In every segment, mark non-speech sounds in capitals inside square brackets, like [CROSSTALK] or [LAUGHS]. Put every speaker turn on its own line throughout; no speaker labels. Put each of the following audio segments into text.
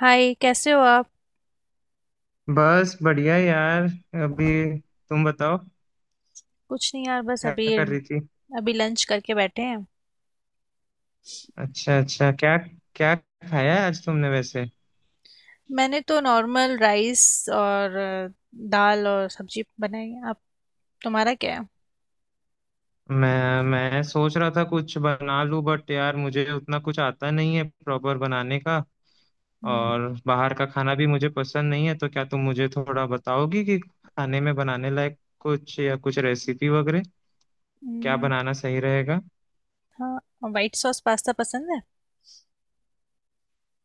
हाय, कैसे हो आप।
बस बढ़िया यार, अभी तुम बताओ
कुछ नहीं यार, बस
क्या
अभी
कर रही थी।
अभी लंच करके बैठे हैं।
अच्छा अच्छा, क्या क्या खाया है आज तुमने वैसे।
मैंने तो नॉर्मल राइस और दाल और सब्जी बनाई है। आप तुम्हारा क्या है।
मैं सोच रहा था कुछ बना लूं बट यार मुझे उतना कुछ आता नहीं है प्रॉपर बनाने का।
हम्म,
और बाहर का खाना भी मुझे पसंद नहीं है तो क्या तुम मुझे थोड़ा बताओगी कि खाने में बनाने लायक कुछ या कुछ रेसिपी वगैरह क्या
हम्म,
बनाना सही रहेगा।
हाँ वाइट सॉस पास्ता पसंद है।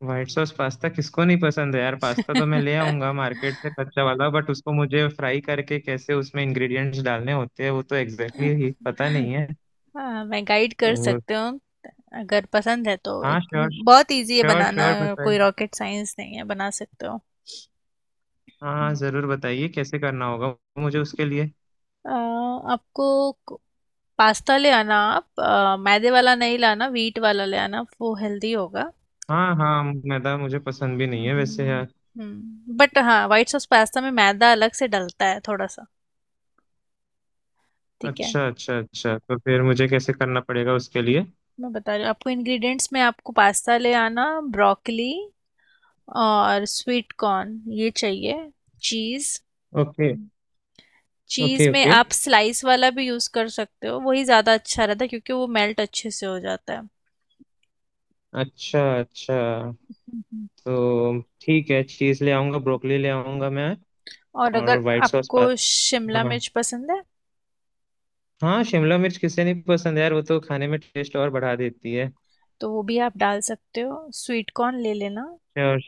व्हाइट सॉस पास्ता किसको नहीं पसंद है यार। पास्ता तो मैं ले आऊंगा मार्केट से
[LAUGHS]
कच्चा वाला बट उसको मुझे फ्राई करके कैसे उसमें इंग्रेडिएंट्स डालने होते हैं वो तो एग्जैक्टली exactly ही पता नहीं है
हाँ, मैं गाइड कर
तो।
सकती हूँ अगर पसंद है तो
हाँ श्योर,
बहुत इजी है
श्योर
बनाना,
श्योर
कोई
बताइए।
रॉकेट साइंस नहीं है, बना सकते हो।
हाँ हाँ जरूर बताइए कैसे करना होगा मुझे उसके लिए।
अ, आपको पास्ता ले आना, आप मैदे वाला नहीं लाना, वीट वाला ले आना, वो हेल्दी होगा।
हाँ हाँ, मैदा मुझे पसंद भी नहीं है वैसे
हम्म
यार।
हम्म, बट हाँ वाइट सॉस पास्ता में मैदा अलग से डलता है थोड़ा सा। ठीक है,
अच्छा अच्छा अच्छा, तो फिर मुझे कैसे करना पड़ेगा उसके लिए।
मैं बता रही हूँ आपको। इंग्रेडिएंट्स में आपको पास्ता ले आना, ब्रोकली और स्वीट कॉर्न ये चाहिए, cheese.
Okay
hmm, cheese
okay.
में
ओके।
आप स्लाइस वाला भी यूज़ कर सकते हो, वही ज़्यादा अच्छा रहता है क्योंकि वो मेल्ट अच्छे से हो जाता है।
अच्छा अच्छा।
हम्म,
तो ठीक है, चीज ले आऊंगा, ब्रोकली ले आऊंगा मैं।
और
और
अगर
व्हाइट सॉस।
आपको शिमला
हाँ।
मिर्च पसंद है
हाँ शिमला मिर्च किसे नहीं पसंद यार, वो तो खाने में टेस्ट और बढ़ा देती है।
तो वो भी आप डाल सकते हो, स्वीट कॉर्न ले लेना।
श्योर।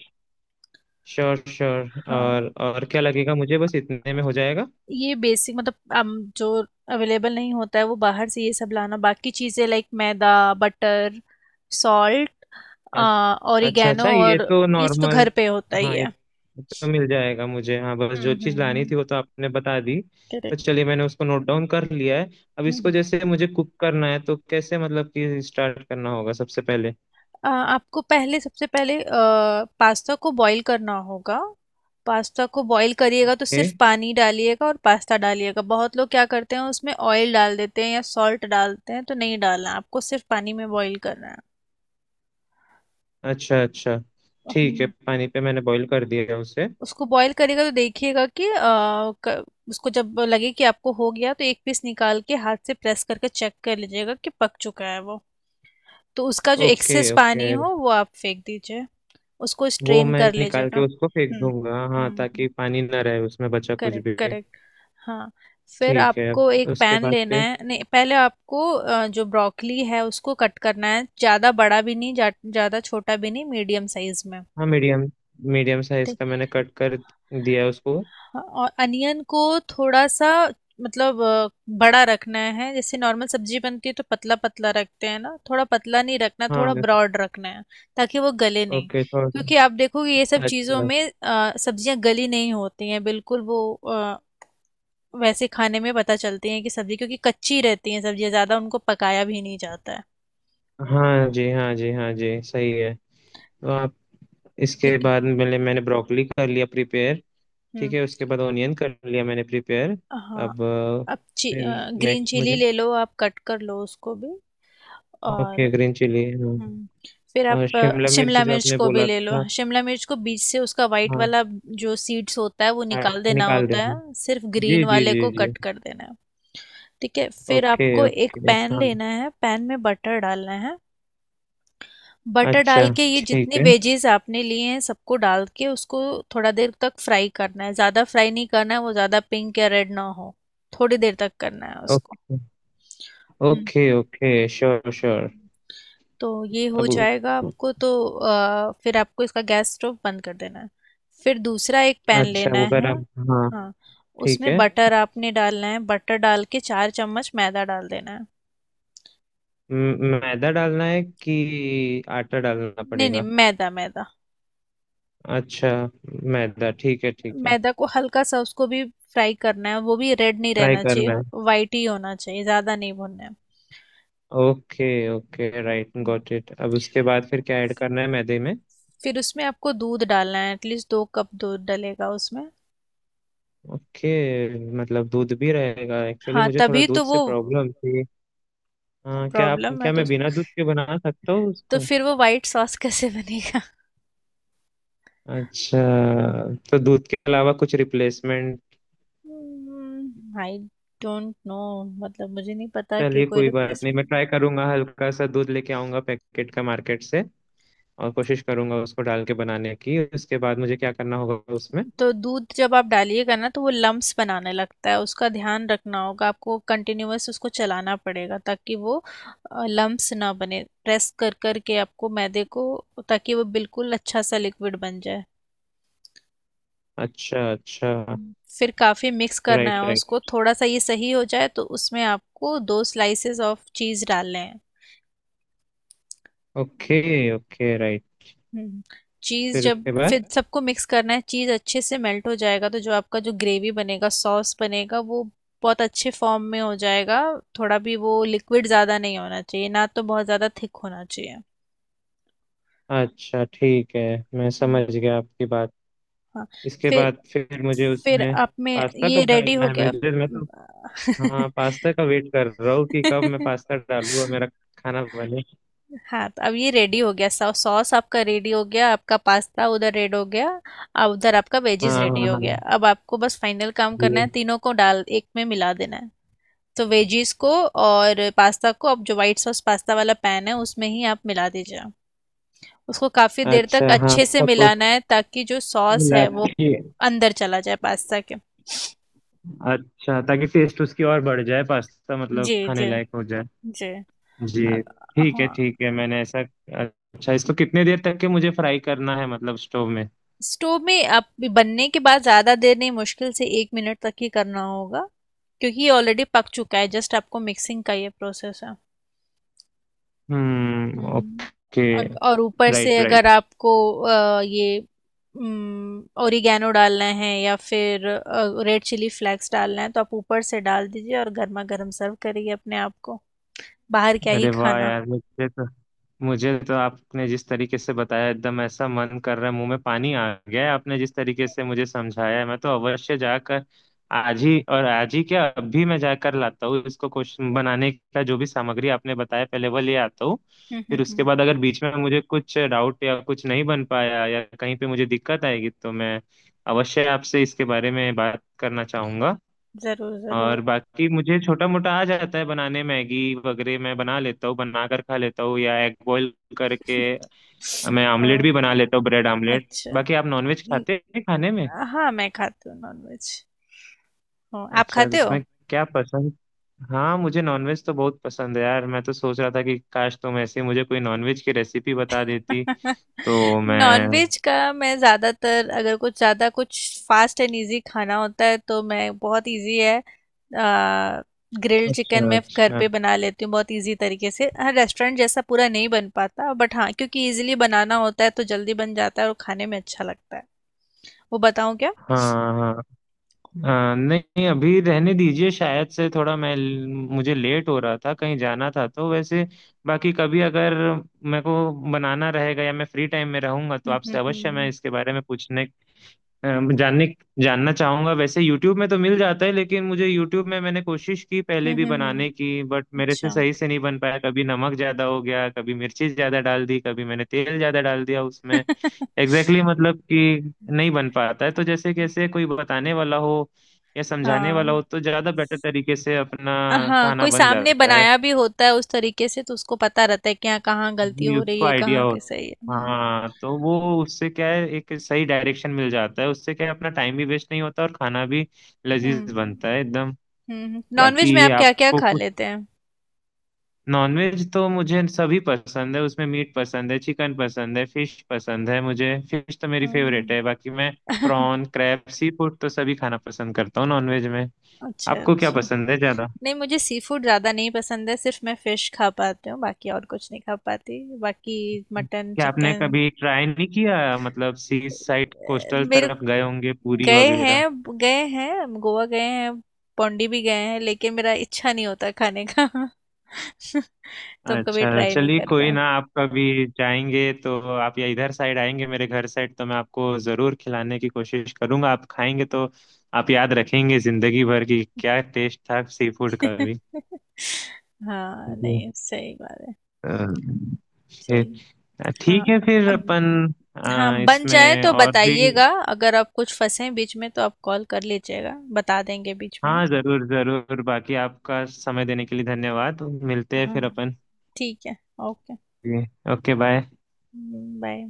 श्योर श्योर,
हाँ,
और क्या लगेगा मुझे, बस इतने में हो जाएगा।
ये बेसिक मतलब हम जो अवेलेबल नहीं होता है वो बाहर से ये सब लाना, बाकी चीज़ें लाइक मैदा, बटर, सॉल्ट,
अ- अच्छा
ऑरिगेनो
अच्छा, ये
और
तो
ये सब तो घर
नॉर्मल।
पे होता ही
हाँ ये
है।
ये तो मिल जाएगा मुझे। हाँ बस
हम्म
जो
हम्म
चीज़ लानी
हम्म।
थी वो तो आपने बता दी। तो चलिए मैंने उसको नोट डाउन कर लिया है। अब इसको
करेक्ट।
जैसे मुझे कुक करना है तो कैसे मतलब कि स्टार्ट करना होगा सबसे पहले।
आपको पहले सबसे पहले पास्ता को बॉईल करना होगा। पास्ता को बॉईल करिएगा तो सिर्फ
ए?
पानी डालिएगा और पास्ता डालिएगा। बहुत लोग क्या करते हैं उसमें ऑयल डाल देते हैं या सॉल्ट डालते हैं तो नहीं डालना है, आपको सिर्फ पानी में बॉईल करना है।
अच्छा अच्छा। ठीक है,
हम्म,
पानी पे मैंने बॉईल कर दिया है उसे।
उसको बॉईल करिएगा तो देखिएगा कि उसको जब लगे कि आपको हो गया तो एक पीस निकाल के हाथ से प्रेस करके चेक कर लीजिएगा कि पक चुका है वो। तो उसका जो एक्सेस
ओके ओके।
पानी हो वो आप फेंक दीजिए, उसको
वो
स्ट्रेन
मैं
कर
निकाल
लीजिएगा।
के उसको फेंक दूंगा हाँ,
हम्म हम्म।
ताकि पानी ना रहे उसमें बचा कुछ
करेक्ट
भी।
करेक्ट। हाँ, फिर
ठीक है,
आपको
अब
एक
उसके
पैन
बाद
लेना
फिर।
है। नहीं, पहले आपको जो ब्रोकली है उसको कट करना है, ज़्यादा बड़ा भी नहीं, ज़्यादा छोटा भी नहीं, मीडियम साइज में।
हाँ मीडियम, मीडियम साइज
ठीक।
का मैंने कट कर दिया उसको।
हाँ, और अनियन को थोड़ा सा, मतलब बड़ा रखना है। जैसे नॉर्मल सब्जी बनती है तो पतला पतला रखते हैं ना, थोड़ा पतला नहीं रखना,
हाँ।
थोड़ा ब्रॉड रखना है ताकि वो गले नहीं,
ओके सॉरी।
क्योंकि आप देखोगे ये सब चीज़ों
अच्छा अच्छा।
में सब्जियां गली नहीं होती हैं बिल्कुल। वो वैसे खाने में पता चलती हैं कि सब्जी, क्योंकि कच्ची रहती हैं सब्जियां, ज़्यादा उनको पकाया भी नहीं जाता है।
हाँ जी, हाँ जी, हाँ जी, सही है। तो आप, इसके
ठीक
बाद
है।
मैंने मैंने ब्रोकली कर लिया प्रिपेयर। ठीक
हम्म।
है, उसके बाद ऑनियन कर लिया मैंने प्रिपेयर।
हाँ,
अब
अब
फिर
ग्रीन
नेक्स्ट
चिली
मुझे।
ले लो, आप कट कर लो उसको भी। और
ओके ग्रीन चिली हाँ।
हम्म, फिर
और
आप
शिमला मिर्च
शिमला
जो
मिर्च
आपने
को भी
बोला
ले लो।
था।
हाँ, शिमला मिर्च को बीच से उसका वाइट
हाँ।
वाला जो सीड्स होता है वो
हाँ,
निकाल देना
निकाल
होता
देना,
है, सिर्फ ग्रीन
जी जी
वाले
जी
को
जी।
कट कर देना है। ठीक है, फिर
ओके
आपको एक
ओके।
पैन
हाँ।
लेना है, पैन में बटर डालना है। बटर
अच्छा।
डाल के ये
ठीक
जितने
है।
वेजीज आपने लिए हैं सबको डाल के उसको थोड़ा देर तक फ्राई करना है, ज़्यादा फ्राई नहीं करना है, वो ज़्यादा पिंक या रेड ना हो, थोड़ी देर तक करना है उसको।
Okay
hmm,
okay. Okay sure, sure.
तो ये हो
अबू।
जाएगा आपको, तो फिर आपको इसका गैस स्टोव बंद कर देना है। फिर दूसरा एक पैन
अच्छा
लेना
वो
है।
गरम। हाँ।
हाँ,
ठीक
उसमें
है।
बटर आपने डालना है, बटर डाल के चार चम्मच मैदा डाल देना है।
मैदा डालना है कि आटा डालना
नहीं नहीं,
पड़ेगा।
मैदा मैदा।
अच्छा, मैदा, ठीक है ठीक है।
मैदा को हल्का सा उसको भी फ्राई करना है, वो भी रेड नहीं
फ्राई
रहना चाहिए,
करना है।
वाइट ही होना चाहिए, ज़्यादा नहीं भुनना है।
Okay, okay right,
hmm.
Got it. अब उसके बाद फिर क्या ऐड करना है मैदे में।
फिर उसमें आपको दूध डालना है, एटलीस्ट दो कप दूध डलेगा उसमें।
ओके। मतलब दूध भी रहेगा, एक्चुअली
हाँ
मुझे थोड़ा
तभी तो
दूध
वो,
से प्रॉब्लम थी। हाँ क्या आप,
प्रॉब्लम है
क्या
तो
मैं बिना दूध के बना सकता हूँ
तो
उसको।
फिर वो वाइट सॉस [LAUGHS] कैसे बनेगा।
अच्छा, तो दूध के अलावा कुछ रिप्लेसमेंट।
आई डोंट नो, मतलब मुझे नहीं पता कि
चलिए
कोई
कोई बात नहीं, मैं
रिप्लेसमेंट।
ट्राई करूंगा, हल्का सा दूध लेके आऊंगा पैकेट का मार्केट से। और कोशिश करूंगा उसको डाल के बनाने की। उसके बाद मुझे क्या करना होगा उसमें।
तो दूध जब आप डालिएगा ना तो वो लम्प्स बनाने लगता है, उसका ध्यान रखना होगा आपको, कंटिन्यूअस उसको चलाना पड़ेगा ताकि वो लम्प्स ना बने, प्रेस कर कर के आपको मैदे को, ताकि वो बिल्कुल अच्छा सा लिक्विड बन जाए।
अच्छा अच्छा।
फिर काफ़ी मिक्स करना
राइट
है
राइट।
उसको, थोड़ा सा ये सही हो जाए तो उसमें आपको दो स्लाइसेस ऑफ चीज़ डालने हैं।
Okay okay right.
Hmm, cheese
फिर
जब,
इसके बाद।
फिर सबको मिक्स करना है। चीज अच्छे से मेल्ट हो जाएगा तो जो आपका जो ग्रेवी बनेगा, सॉस बनेगा वो बहुत अच्छे फॉर्म में हो जाएगा। थोड़ा भी वो लिक्विड ज्यादा नहीं होना चाहिए ना तो बहुत ज्यादा थिक होना चाहिए।
अच्छा ठीक है, मैं
हाँ
समझ गया आपकी बात।
हाँ।
इसके
फिर
बाद फिर मुझे
फिर
उसमें
आप में
पास्ता
ये
कब
रेडी
डालना
हो
है। मैं
गया।
मैं तो, हाँ पास्ता का वेट कर रहा हूँ कि कब मैं पास्ता डालूँ और मेरा
[LAUGHS]
खाना बने।
हाँ, तो अब ये रेडी हो गया, सॉ सॉस आपका रेडी हो गया, आपका पास्ता उधर रेड हो गया और उधर आपका
हाँ
वेजीज
हाँ
रेडी
हाँ
हो
हाँ,
गया। अब आपको बस फाइनल काम करना है,
ये।
तीनों को डाल एक में मिला देना है। तो वेजीज को और पास्ता को अब जो वाइट सॉस पास्ता वाला पैन है उसमें ही आप मिला दीजिए। उसको काफ़ी देर तक
अच्छा हाँ,
अच्छे से
सब कुछ
मिलाना है ताकि जो सॉस
मिला
है वो
के।
अंदर चला जाए पास्ता के।
अच्छा, ताकि टेस्ट उसकी और बढ़ जाए, पास्ता
जी
मतलब खाने
जी
लायक हो जाए।
जी। अ-
जी। ठीक है
हाँ,
ठीक है, मैंने ऐसा। अच्छा, इसको कितने देर तक के मुझे फ्राई करना है मतलब स्टोव में।
स्टोव में आप बनने के बाद ज़्यादा देर नहीं, मुश्किल से एक मिनट तक ही करना होगा क्योंकि ये ऑलरेडी पक चुका है, जस्ट आपको मिक्सिंग का ये प्रोसेस है। हम्म।
ओके।
और ऊपर से
राइट
अगर
राइट।
आपको ये ओरिगेनो डालना है या फिर रेड चिली फ्लेक्स डालना है तो आप ऊपर से डाल दीजिए और गर्मा गर्म सर्व करिए अपने आप को, बाहर क्या ही
अरे वाह
खाना।
यार, मुझे तो आपने जिस तरीके से बताया, एकदम ऐसा मन कर रहा है, मुंह में पानी आ गया है। आपने जिस तरीके से मुझे समझाया है, मैं तो अवश्य जाकर आज ही, और आज ही क्या, अभी मैं जाकर लाता हूँ इसको क्वेश्चन बनाने का जो भी सामग्री आपने बताया पहले वो ले आता हूँ।
हम्म हम्म
फिर उसके
हम्म,
बाद अगर बीच में मुझे कुछ डाउट या कुछ नहीं बन पाया या कहीं पे मुझे दिक्कत आएगी तो मैं अवश्य आपसे इसके बारे में बात करना चाहूंगा।
जरूर जरूर।
और बाकी मुझे छोटा मोटा आ जाता है बनाने, मैगी वगैरह मैं बना लेता हूँ, बना कर खा लेता हूँ, या एग बॉईल करके मैं आमलेट
हाँ
भी बना लेता हूँ, ब्रेड आमलेट।
अच्छा।
बाकी आप नॉनवेज खाते हैं खाने में।
हाँ मैं खाती हूँ नॉनवेज। हाँ, आप
अच्छा,
खाते हो।
उसमें क्या पसंद। हाँ मुझे नॉनवेज तो बहुत पसंद है यार, मैं तो सोच रहा था कि काश तुम ऐसे ही मुझे कोई नॉनवेज की रेसिपी बता देती
[LAUGHS]
तो मैं।
नॉनवेज का मैं ज़्यादातर अगर कुछ ज़्यादा कुछ फास्ट एंड इजी खाना होता है तो मैं, बहुत इजी है, ग्रिल्ड चिकन
अच्छा
मैं घर
अच्छा।
पे बना लेती हूँ, बहुत इजी तरीके से। हाँ रेस्टोरेंट जैसा पूरा नहीं बन पाता बट हाँ, क्योंकि इजीली बनाना होता है तो जल्दी बन जाता है और खाने में अच्छा लगता है। वो बताऊँ क्या।
हाँ। हाँ। नहीं अभी रहने दीजिए, शायद से थोड़ा मैं, मुझे लेट हो रहा था, कहीं जाना था तो वैसे। बाकी कभी अगर मेरे को बनाना रहेगा या मैं फ्री टाइम में रहूंगा तो
हम्म
आपसे
हम्म
अवश्य मैं
हम्म
इसके बारे में पूछने, जानने, जानना चाहूंगा। वैसे YouTube में तो मिल जाता है लेकिन मुझे YouTube में मैंने कोशिश की पहले
हम्म
भी
हम्म हम्म,
बनाने की बट मेरे से
अच्छा।
सही से नहीं बन पाया, कभी नमक ज्यादा हो गया, कभी मिर्ची ज्यादा डाल दी, कभी मैंने तेल ज्यादा डाल दिया उसमें,
[LAUGHS]
एग्जैक्टली exactly मतलब कि नहीं बन पाता है। तो जैसे कैसे कोई बताने वाला हो या समझाने वाला
हाँ
हो तो ज्यादा बेटर तरीके से अपना
हाँ,
खाना
कोई
बन
सामने
जाता है,
बनाया भी होता है उस तरीके से तो उसको पता रहता है कि हाँ कहाँ गलती
जी
हो रही
उसको
है,
आइडिया
कहाँ के
होता।
सही है।
हाँ तो वो, उससे क्या है एक सही डायरेक्शन मिल जाता है, उससे क्या है अपना टाइम भी वेस्ट नहीं होता और खाना भी लजीज बनता है
हम्म
एकदम।
हम्म, नॉनवेज में
बाकी
आप क्या क्या
आपको
खा
कुछ,
लेते हैं।
नॉनवेज तो मुझे सभी पसंद है, उसमें मीट पसंद है, चिकन पसंद है, फिश पसंद है, मुझे फिश तो मेरी फेवरेट
हम्म,
है। बाकी मैं
[LAUGHS]
प्रॉन, क्रैब, सी फूड तो सभी खाना पसंद करता हूँ नॉनवेज में।
अच्छा
आपको क्या
अच्छा,
पसंद है ज्यादा।
नहीं मुझे सी फूड ज़्यादा नहीं पसंद है, सिर्फ मैं फिश खा पाती हूँ, बाकी और कुछ नहीं खा पाती, बाकी मटन
क्या आपने
चिकन।
कभी ट्राई नहीं किया, मतलब सी साइड, कोस्टल
मेरे
तरफ गए होंगे, पूरी
गए
वगैरह।
हैं, गए हैं, हम गोवा गए हैं, पौंडी भी गए हैं, लेकिन मेरा इच्छा नहीं होता खाने का। [LAUGHS] तो हम कभी
अच्छा,
ट्राई नहीं
चलिए
कर
कोई
पाए।
ना, आप कभी जाएंगे तो आप, या इधर साइड आएंगे मेरे घर साइड, तो मैं आपको जरूर खिलाने की कोशिश करूंगा, आप खाएंगे तो आप याद रखेंगे जिंदगी भर की क्या टेस्ट था सी फूड का
[LAUGHS]
भी।
हाँ
जी।
नहीं, सही बात है।
अ,
चलिए।
फिर
हाँ
ठीक है फिर
अब,
अपन,
हाँ बन जाए
इसमें
तो
और भी।
बताइएगा, अगर आप कुछ फंसे बीच में तो आप कॉल कर लीजिएगा, बता देंगे बीच में ही।
हाँ जरूर जरूर, बाकी आपका समय देने के लिए धन्यवाद, मिलते हैं
हाँ
फिर अपन।
ठीक है, ओके,
जी। Okay bye.
बाय।